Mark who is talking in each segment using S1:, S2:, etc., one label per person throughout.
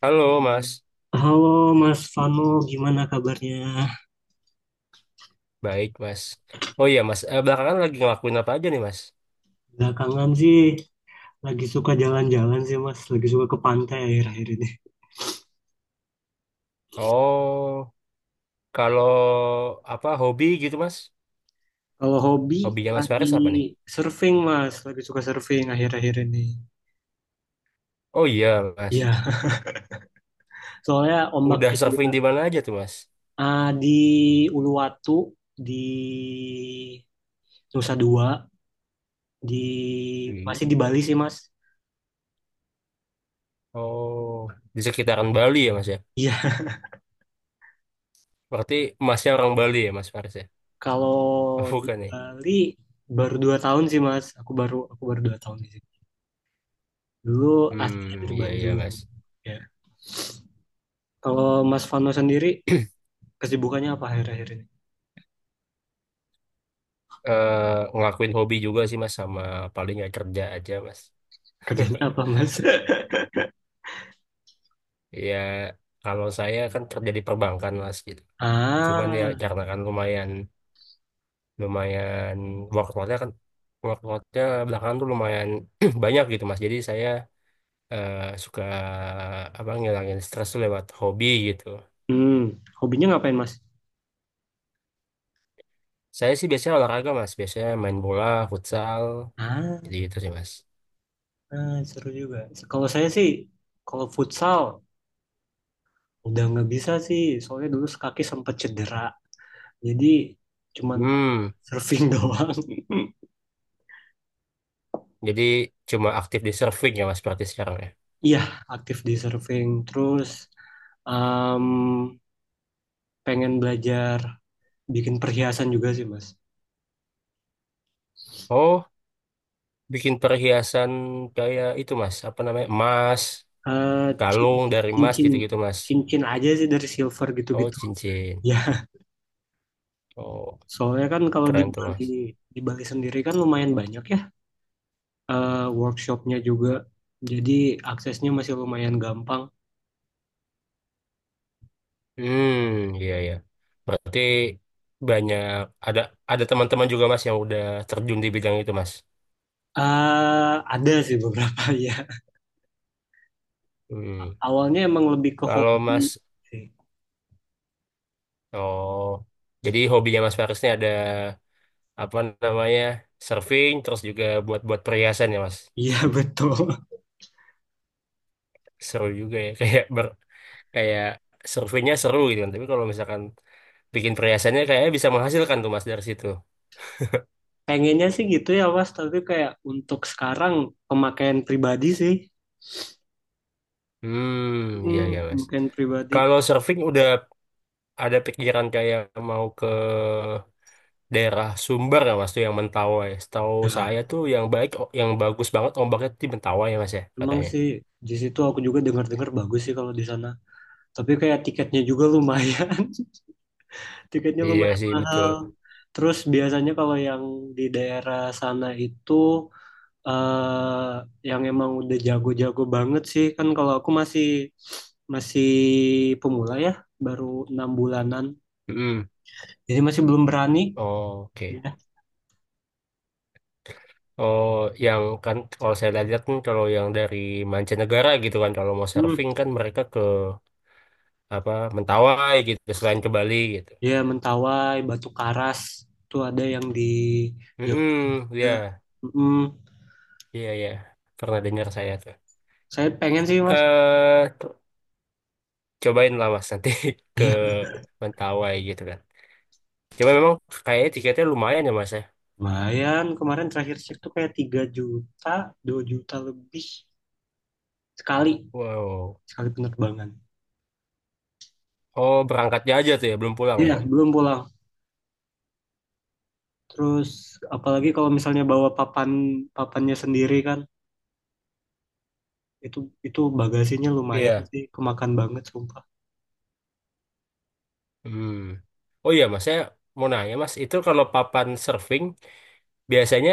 S1: Halo Mas,
S2: Halo Mas Vano, gimana kabarnya?
S1: baik Mas. Oh iya Mas, belakangan lagi ngelakuin apa aja nih Mas?
S2: Belakangan sih lagi suka jalan-jalan sih Mas, lagi suka ke pantai akhir-akhir ini.
S1: Oh, kalau apa hobi gitu Mas?
S2: Kalau hobi
S1: Hobinya Mas
S2: lagi
S1: Faris apa nih?
S2: surfing Mas, lagi suka surfing akhir-akhir ini.
S1: Oh iya Mas,
S2: Iya, soalnya
S1: udah
S2: ombaknya juga
S1: surfing di mana aja tuh Mas?
S2: di Uluwatu, di Nusa Dua, di
S1: Hmm.
S2: masih di Bali sih Mas.
S1: Oh, di sekitaran Bali ya Mas ya?
S2: Iya,
S1: Berarti Masnya orang Bali ya Mas Faris ya?
S2: kalau
S1: Oh,
S2: di
S1: bukan nih.
S2: Bali baru 2 tahun sih Mas, aku baru 2 tahun sih. Dulu aslinya
S1: Hmm,
S2: dari
S1: iya iya
S2: Bandung.
S1: Mas.
S2: Ya. Kalau Mas Fano sendiri kesibukannya apa akhir-akhir ini?
S1: Ngelakuin hobi juga sih Mas, sama paling ya kerja aja Mas.
S2: Kerjanya apa, Mas?
S1: Ya kalau saya kan kerja di perbankan Mas gitu. Cuman ya
S2: Ah,
S1: karena kan lumayan lumayan workloadnya kan workloadnya belakangan tuh lumayan banyak gitu mas, jadi saya eh, suka apa ngilangin stres tuh lewat hobi gitu.
S2: hmm, hobinya ngapain, Mas?
S1: Saya sih biasanya olahraga mas, biasanya main bola futsal,
S2: Ah,
S1: jadi gitu sih mas.
S2: seru juga. Kalau saya sih, kalau futsal udah nggak bisa sih, soalnya dulu kaki sempat cedera. Jadi cuman
S1: Hmm.
S2: surfing doang.
S1: Jadi cuma aktif di surfing ya mas berarti sekarang ya.
S2: Iya, aktif di surfing. Terus em, pengen belajar bikin perhiasan juga sih, Mas.
S1: Oh, bikin perhiasan kayak itu mas apa namanya emas,
S2: Eh,
S1: kalung
S2: cin-
S1: dari emas
S2: cincin
S1: gitu-gitu mas.
S2: cincin aja sih dari silver
S1: Oh
S2: gitu-gitu.
S1: cincin,
S2: Ya,
S1: oh
S2: soalnya kan kalau di
S1: keren tuh
S2: Bali
S1: mas.
S2: di Bali sendiri kan lumayan banyak ya workshopnya juga, jadi aksesnya masih lumayan gampang.
S1: Hmm, iya ya. Berarti banyak ada ada teman-teman juga Mas yang udah terjun di bidang itu Mas.
S2: Eh, ada sih beberapa ya.
S1: Hmm.
S2: Awalnya emang lebih ke
S1: Kalau
S2: hobi
S1: Mas,
S2: sih.
S1: oh, jadi hobinya Mas Faris ini ada apa namanya surfing, terus juga buat-buat perhiasan ya Mas.
S2: Iya betul.
S1: Seru juga ya, kayak surfingnya seru gitu kan. Tapi kalau misalkan bikin perhiasannya kayaknya bisa menghasilkan tuh Mas dari situ.
S2: Pengennya sih gitu ya Mas, tapi kayak untuk sekarang pemakaian pribadi sih,
S1: Hmm, iya
S2: hmm,
S1: ya Mas.
S2: pemakaian pribadi.
S1: Kalau surfing udah ada pikiran kayak mau ke daerah Sumber ya mas tuh, yang Mentawai. Setahu
S2: Ya,
S1: saya tuh yang baik, yang bagus banget ombaknya tuh di Mentawai ya mas ya
S2: emang
S1: katanya.
S2: sih di situ aku juga dengar-dengar bagus sih kalau di sana. Tapi kayak tiketnya juga lumayan, tiketnya
S1: Iya
S2: lumayan
S1: sih betul.
S2: mahal. Terus biasanya kalau yang di daerah sana itu eh yang emang udah jago-jago banget sih, kan kalau aku masih masih pemula ya, baru 6 bulanan,
S1: Mm.
S2: jadi masih belum berani.
S1: Oke.
S2: Ya,
S1: Oh, yang kan kalau saya lihat kan kalau yang dari mancanegara gitu kan kalau mau
S2: hmm,
S1: surfing kan mereka ke apa Mentawai gitu selain ke Bali gitu.
S2: ya Mentawai, Batu Karas, tuh ada yang di Jogja.
S1: Mm-mm, ya,
S2: Mm,
S1: iya ya. Pernah dengar saya tuh.
S2: saya pengen sih mas.
S1: Eh, t- Cobain lah mas nanti ke
S2: Ya,
S1: Mentawai gitu kan. Cuma memang kayaknya tiketnya lumayan ya mas ya?
S2: lumayan, kemarin terakhir cek tuh kayak 3 juta, 2 juta lebih sekali,
S1: Wow.
S2: sekali penerbangan.
S1: Oh, berangkatnya aja tuh ya, belum pulang ya?
S2: Iya, belum pulang. Terus apalagi kalau misalnya bawa papannya sendiri kan, itu itu bagasinya lumayan
S1: Iya.
S2: sih, kemakan banget sumpah.
S1: Hmm. Oh iya Mas, saya mau nanya Mas, itu kalau papan surfing biasanya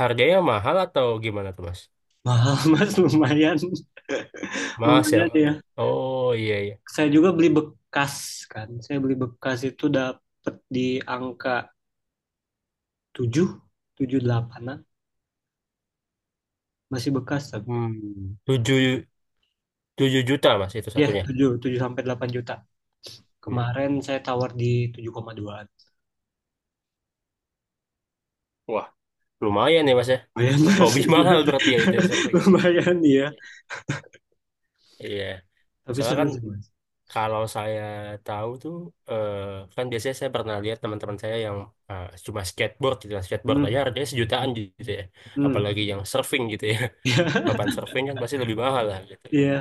S1: harganya mahal atau gimana tuh Mas?
S2: Mahal Mas, lumayan.
S1: Mas ya.
S2: Lumayan ya.
S1: Oh iya iya.
S2: Saya juga beli bekas kan. Saya beli bekas itu dapet di angka 7 7 8. Masih bekas tapi.
S1: Hmm. Tujuh 7 juta Mas, itu
S2: Ya,
S1: satunya.
S2: 7 7 sampai 8 juta.
S1: Hmm.
S2: Kemarin saya tawar di 7,2.
S1: Wah, lumayan ya Mas ya.
S2: Lumayan mas,
S1: Hobi
S2: iya,
S1: mahal berarti ya itu ya, surfingnya.
S2: lumayan ya.
S1: Iya.
S2: Tapi
S1: Soalnya
S2: seru
S1: kan
S2: sih mas.
S1: kalau saya tahu tuh, eh, kan biasanya saya pernah lihat teman-teman saya yang cuma skateboard gitu lah. Skateboard aja
S2: Hmm.
S1: harganya sejutaan gitu ya.
S2: Hmm.
S1: Apalagi yang surfing gitu ya. Papan surfing kan pasti lebih mahal lah gitu.
S2: Iya.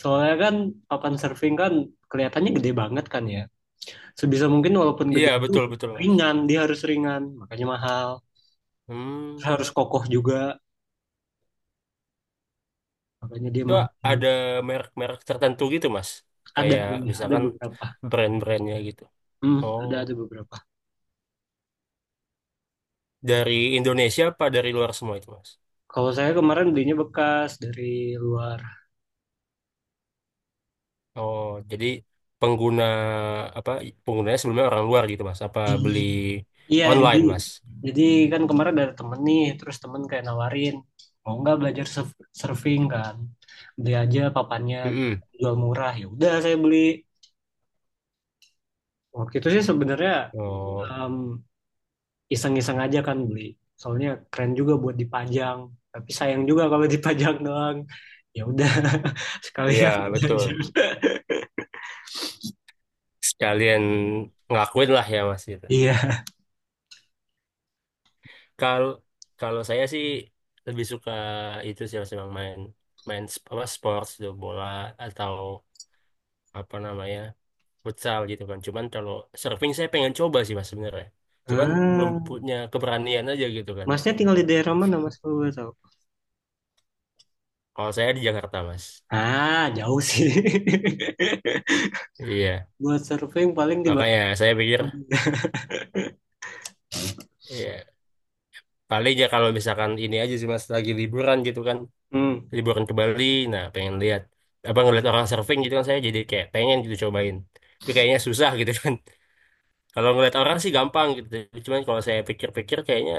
S2: Soalnya kan papan surfing kan kelihatannya gede banget kan ya. Sebisa mungkin walaupun gede
S1: Iya,
S2: itu
S1: betul betul Mas.
S2: ringan, dia harus ringan, makanya mahal. Terus
S1: Hmm.
S2: harus kokoh juga, makanya dia
S1: Itu
S2: mahal. Hmm.
S1: ada merek-merek tertentu gitu Mas.
S2: Ada
S1: Kayak
S2: ini, ada
S1: misalkan
S2: beberapa.
S1: brand-brandnya gitu.
S2: Hmm,
S1: Oh,
S2: ada beberapa.
S1: dari Indonesia apa dari luar semua itu Mas?
S2: Kalau saya kemarin belinya bekas dari luar.
S1: Oh, jadi pengguna apa penggunanya sebelumnya orang luar gitu Mas? Apa beli
S2: Iya, jadi
S1: online Mas?
S2: jadi kan kemarin ada temen nih, terus temen kayak nawarin, mau nggak belajar surfing kan, beli aja papannya, gitu.
S1: Mm-mm.
S2: Jual murah. Ya udah saya beli. Waktu itu sih sebenarnya
S1: Oh,
S2: em, iseng-iseng aja kan beli, soalnya keren juga buat dipajang. Tapi sayang juga kalau dipajang doang. Ya udah,
S1: iya
S2: sekalian
S1: betul.
S2: belajar.
S1: Sekalian ngakuin lah ya Mas gitu.
S2: Iya.
S1: Kalau kalau saya sih lebih suka itu sih Mas, emang main main apa sports gitu, bola atau apa namanya futsal gitu kan. Cuman kalau surfing saya pengen coba sih Mas sebenarnya. Cuman belum
S2: Ah,
S1: punya keberanian aja gitu kan.
S2: masnya tinggal di daerah mana, Mas? Kalau boleh tahu.
S1: Kalau saya di Jakarta Mas.
S2: Jauh sih.
S1: Iya.
S2: Buat surfing paling di Bali.
S1: Makanya saya pikir ya paling ya kalau misalkan ini aja sih Mas lagi liburan gitu kan,
S2: Hmm.
S1: liburan ke Bali, nah pengen lihat apa ngeliat orang surfing gitu kan saya jadi kayak pengen gitu cobain. Tapi kayaknya susah gitu kan. Kalau ngeliat orang sih gampang gitu. Cuman kalau saya pikir-pikir kayaknya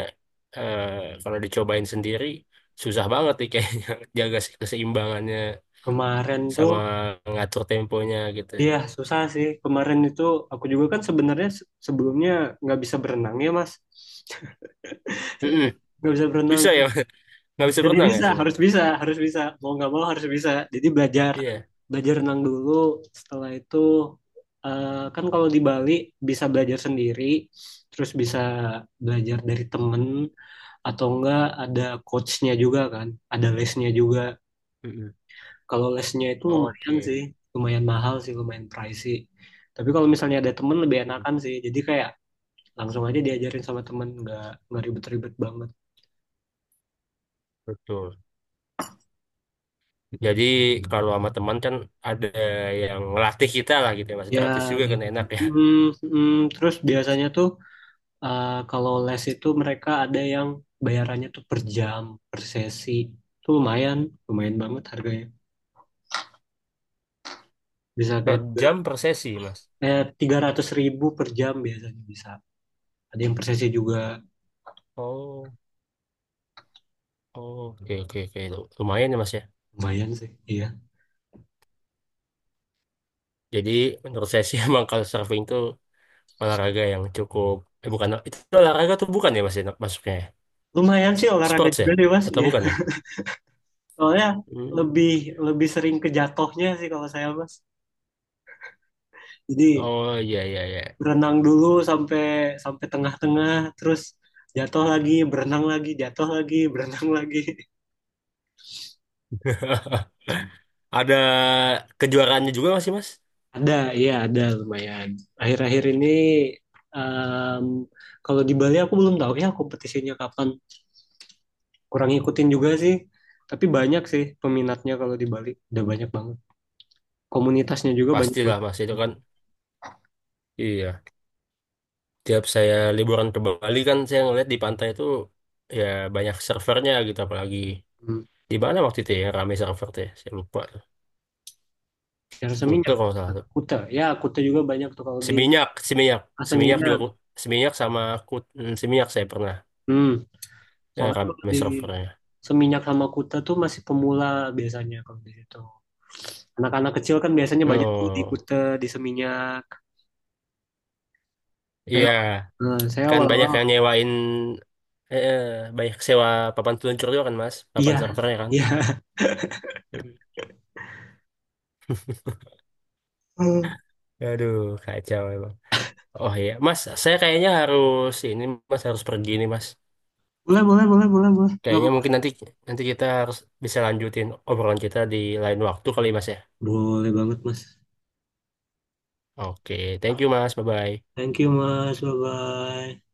S1: eh, kalau dicobain sendiri susah banget nih kayaknya, jaga keseimbangannya
S2: Kemarin tuh,
S1: sama ngatur temponya gitu.
S2: iya susah sih. Kemarin itu aku juga kan sebenarnya sebelumnya nggak bisa berenang ya Mas.
S1: Mm-mm.
S2: Nggak bisa berenang.
S1: Bisa ya Mas? Nggak bisa
S2: Jadi
S1: berenang ya
S2: bisa, harus
S1: sebenarnya.
S2: bisa, harus bisa. Mau nggak mau harus bisa. Jadi
S1: Iya.
S2: belajar renang dulu. Setelah itu, kan kalau di Bali bisa belajar sendiri. Terus bisa belajar dari temen atau enggak ada coachnya juga kan, ada lesnya juga.
S1: Mm-mm.
S2: Kalau lesnya itu lumayan
S1: Oke.
S2: sih, lumayan mahal sih, lumayan pricey. Tapi kalau misalnya ada temen lebih
S1: Mm-mm.
S2: enakan sih. Jadi kayak langsung aja diajarin sama temen, nggak ribet-ribet banget.
S1: Betul. Jadi kalau sama teman kan ada yang ngelatih kita lah gitu ya, masih
S2: Ya,
S1: gratis juga
S2: deh.
S1: kan enak ya.
S2: Mm, terus biasanya tuh kalau les itu mereka ada yang bayarannya tuh per jam, per sesi. Itu lumayan, lumayan banget harganya. Bisa
S1: Per
S2: kayak
S1: jam per sesi mas.
S2: 300.000 per jam biasanya bisa. Ada yang per sesi juga
S1: Oh, oh, oke oke oke, lumayan ya mas ya.
S2: lumayan sih, iya.
S1: Jadi menurut saya sih emang kalau surfing itu olahraga yang cukup, eh bukan, itu olahraga tuh bukan ya mas ya masuknya ya?
S2: Lumayan sih olahraga
S1: Sports ya
S2: juga deh, Mas.
S1: atau
S2: Iya.
S1: bukan ya?
S2: Soalnya
S1: Hmm.
S2: lebih lebih sering ke jatuhnya sih kalau saya mas. Jadi
S1: Oh iya iya iya.
S2: berenang dulu sampai sampai tengah-tengah, terus jatuh lagi, berenang lagi, jatuh lagi, berenang lagi.
S1: Ada kejuaraannya juga masih mas?
S2: Ada, iya ada lumayan. Akhir-akhir ini em, kalau di Bali aku belum tahu ya kompetisinya kapan. Kurang ngikutin juga sih. Tapi banyak sih peminatnya kalau di Bali. Udah banyak banget. Komunitasnya juga banyak
S1: Pastilah
S2: banget.
S1: mas itu kan. Iya. Tiap saya liburan ke Bali kan saya ngeliat di pantai itu ya banyak servernya gitu, apalagi
S2: Hmm.
S1: di mana waktu itu ya yang rame server tuh ya, saya lupa tuh,
S2: Ya, rasa
S1: Kuta
S2: minyak.
S1: kalau nggak salah tuh,
S2: Kuta. Ya, Kuta juga banyak tuh kalau di
S1: Seminyak Seminyak Seminyak
S2: asaminya.
S1: juga Seminyak sama Seminyak, saya pernah
S2: Hmm,
S1: ya,
S2: soalnya kalau
S1: rame
S2: di
S1: servernya.
S2: Seminyak sama Kuta tuh masih pemula biasanya kalau di situ. Anak-anak kecil kan biasanya banyak tuh di
S1: Oh
S2: Kuta, di Seminyak. Saya,
S1: iya,
S2: saya
S1: kan
S2: awal-awal,
S1: banyak yang nyewain, eh, eh, banyak sewa papan peluncur juga kan mas, papan
S2: iya,
S1: servernya kan.
S2: iya.
S1: Hmm.
S2: Hmm.
S1: Aduh kacau emang. Oh iya mas, saya kayaknya harus ini mas, harus pergi nih mas.
S2: Boleh, boleh, boleh, boleh, boleh. Nggak
S1: Kayaknya
S2: apa-apa.
S1: mungkin nanti nanti kita harus bisa lanjutin obrolan kita di lain waktu kali Mas ya.
S2: Boleh banget, Mas.
S1: Oke, thank you Mas. Bye bye.
S2: Thank you, Mas. Bye-bye.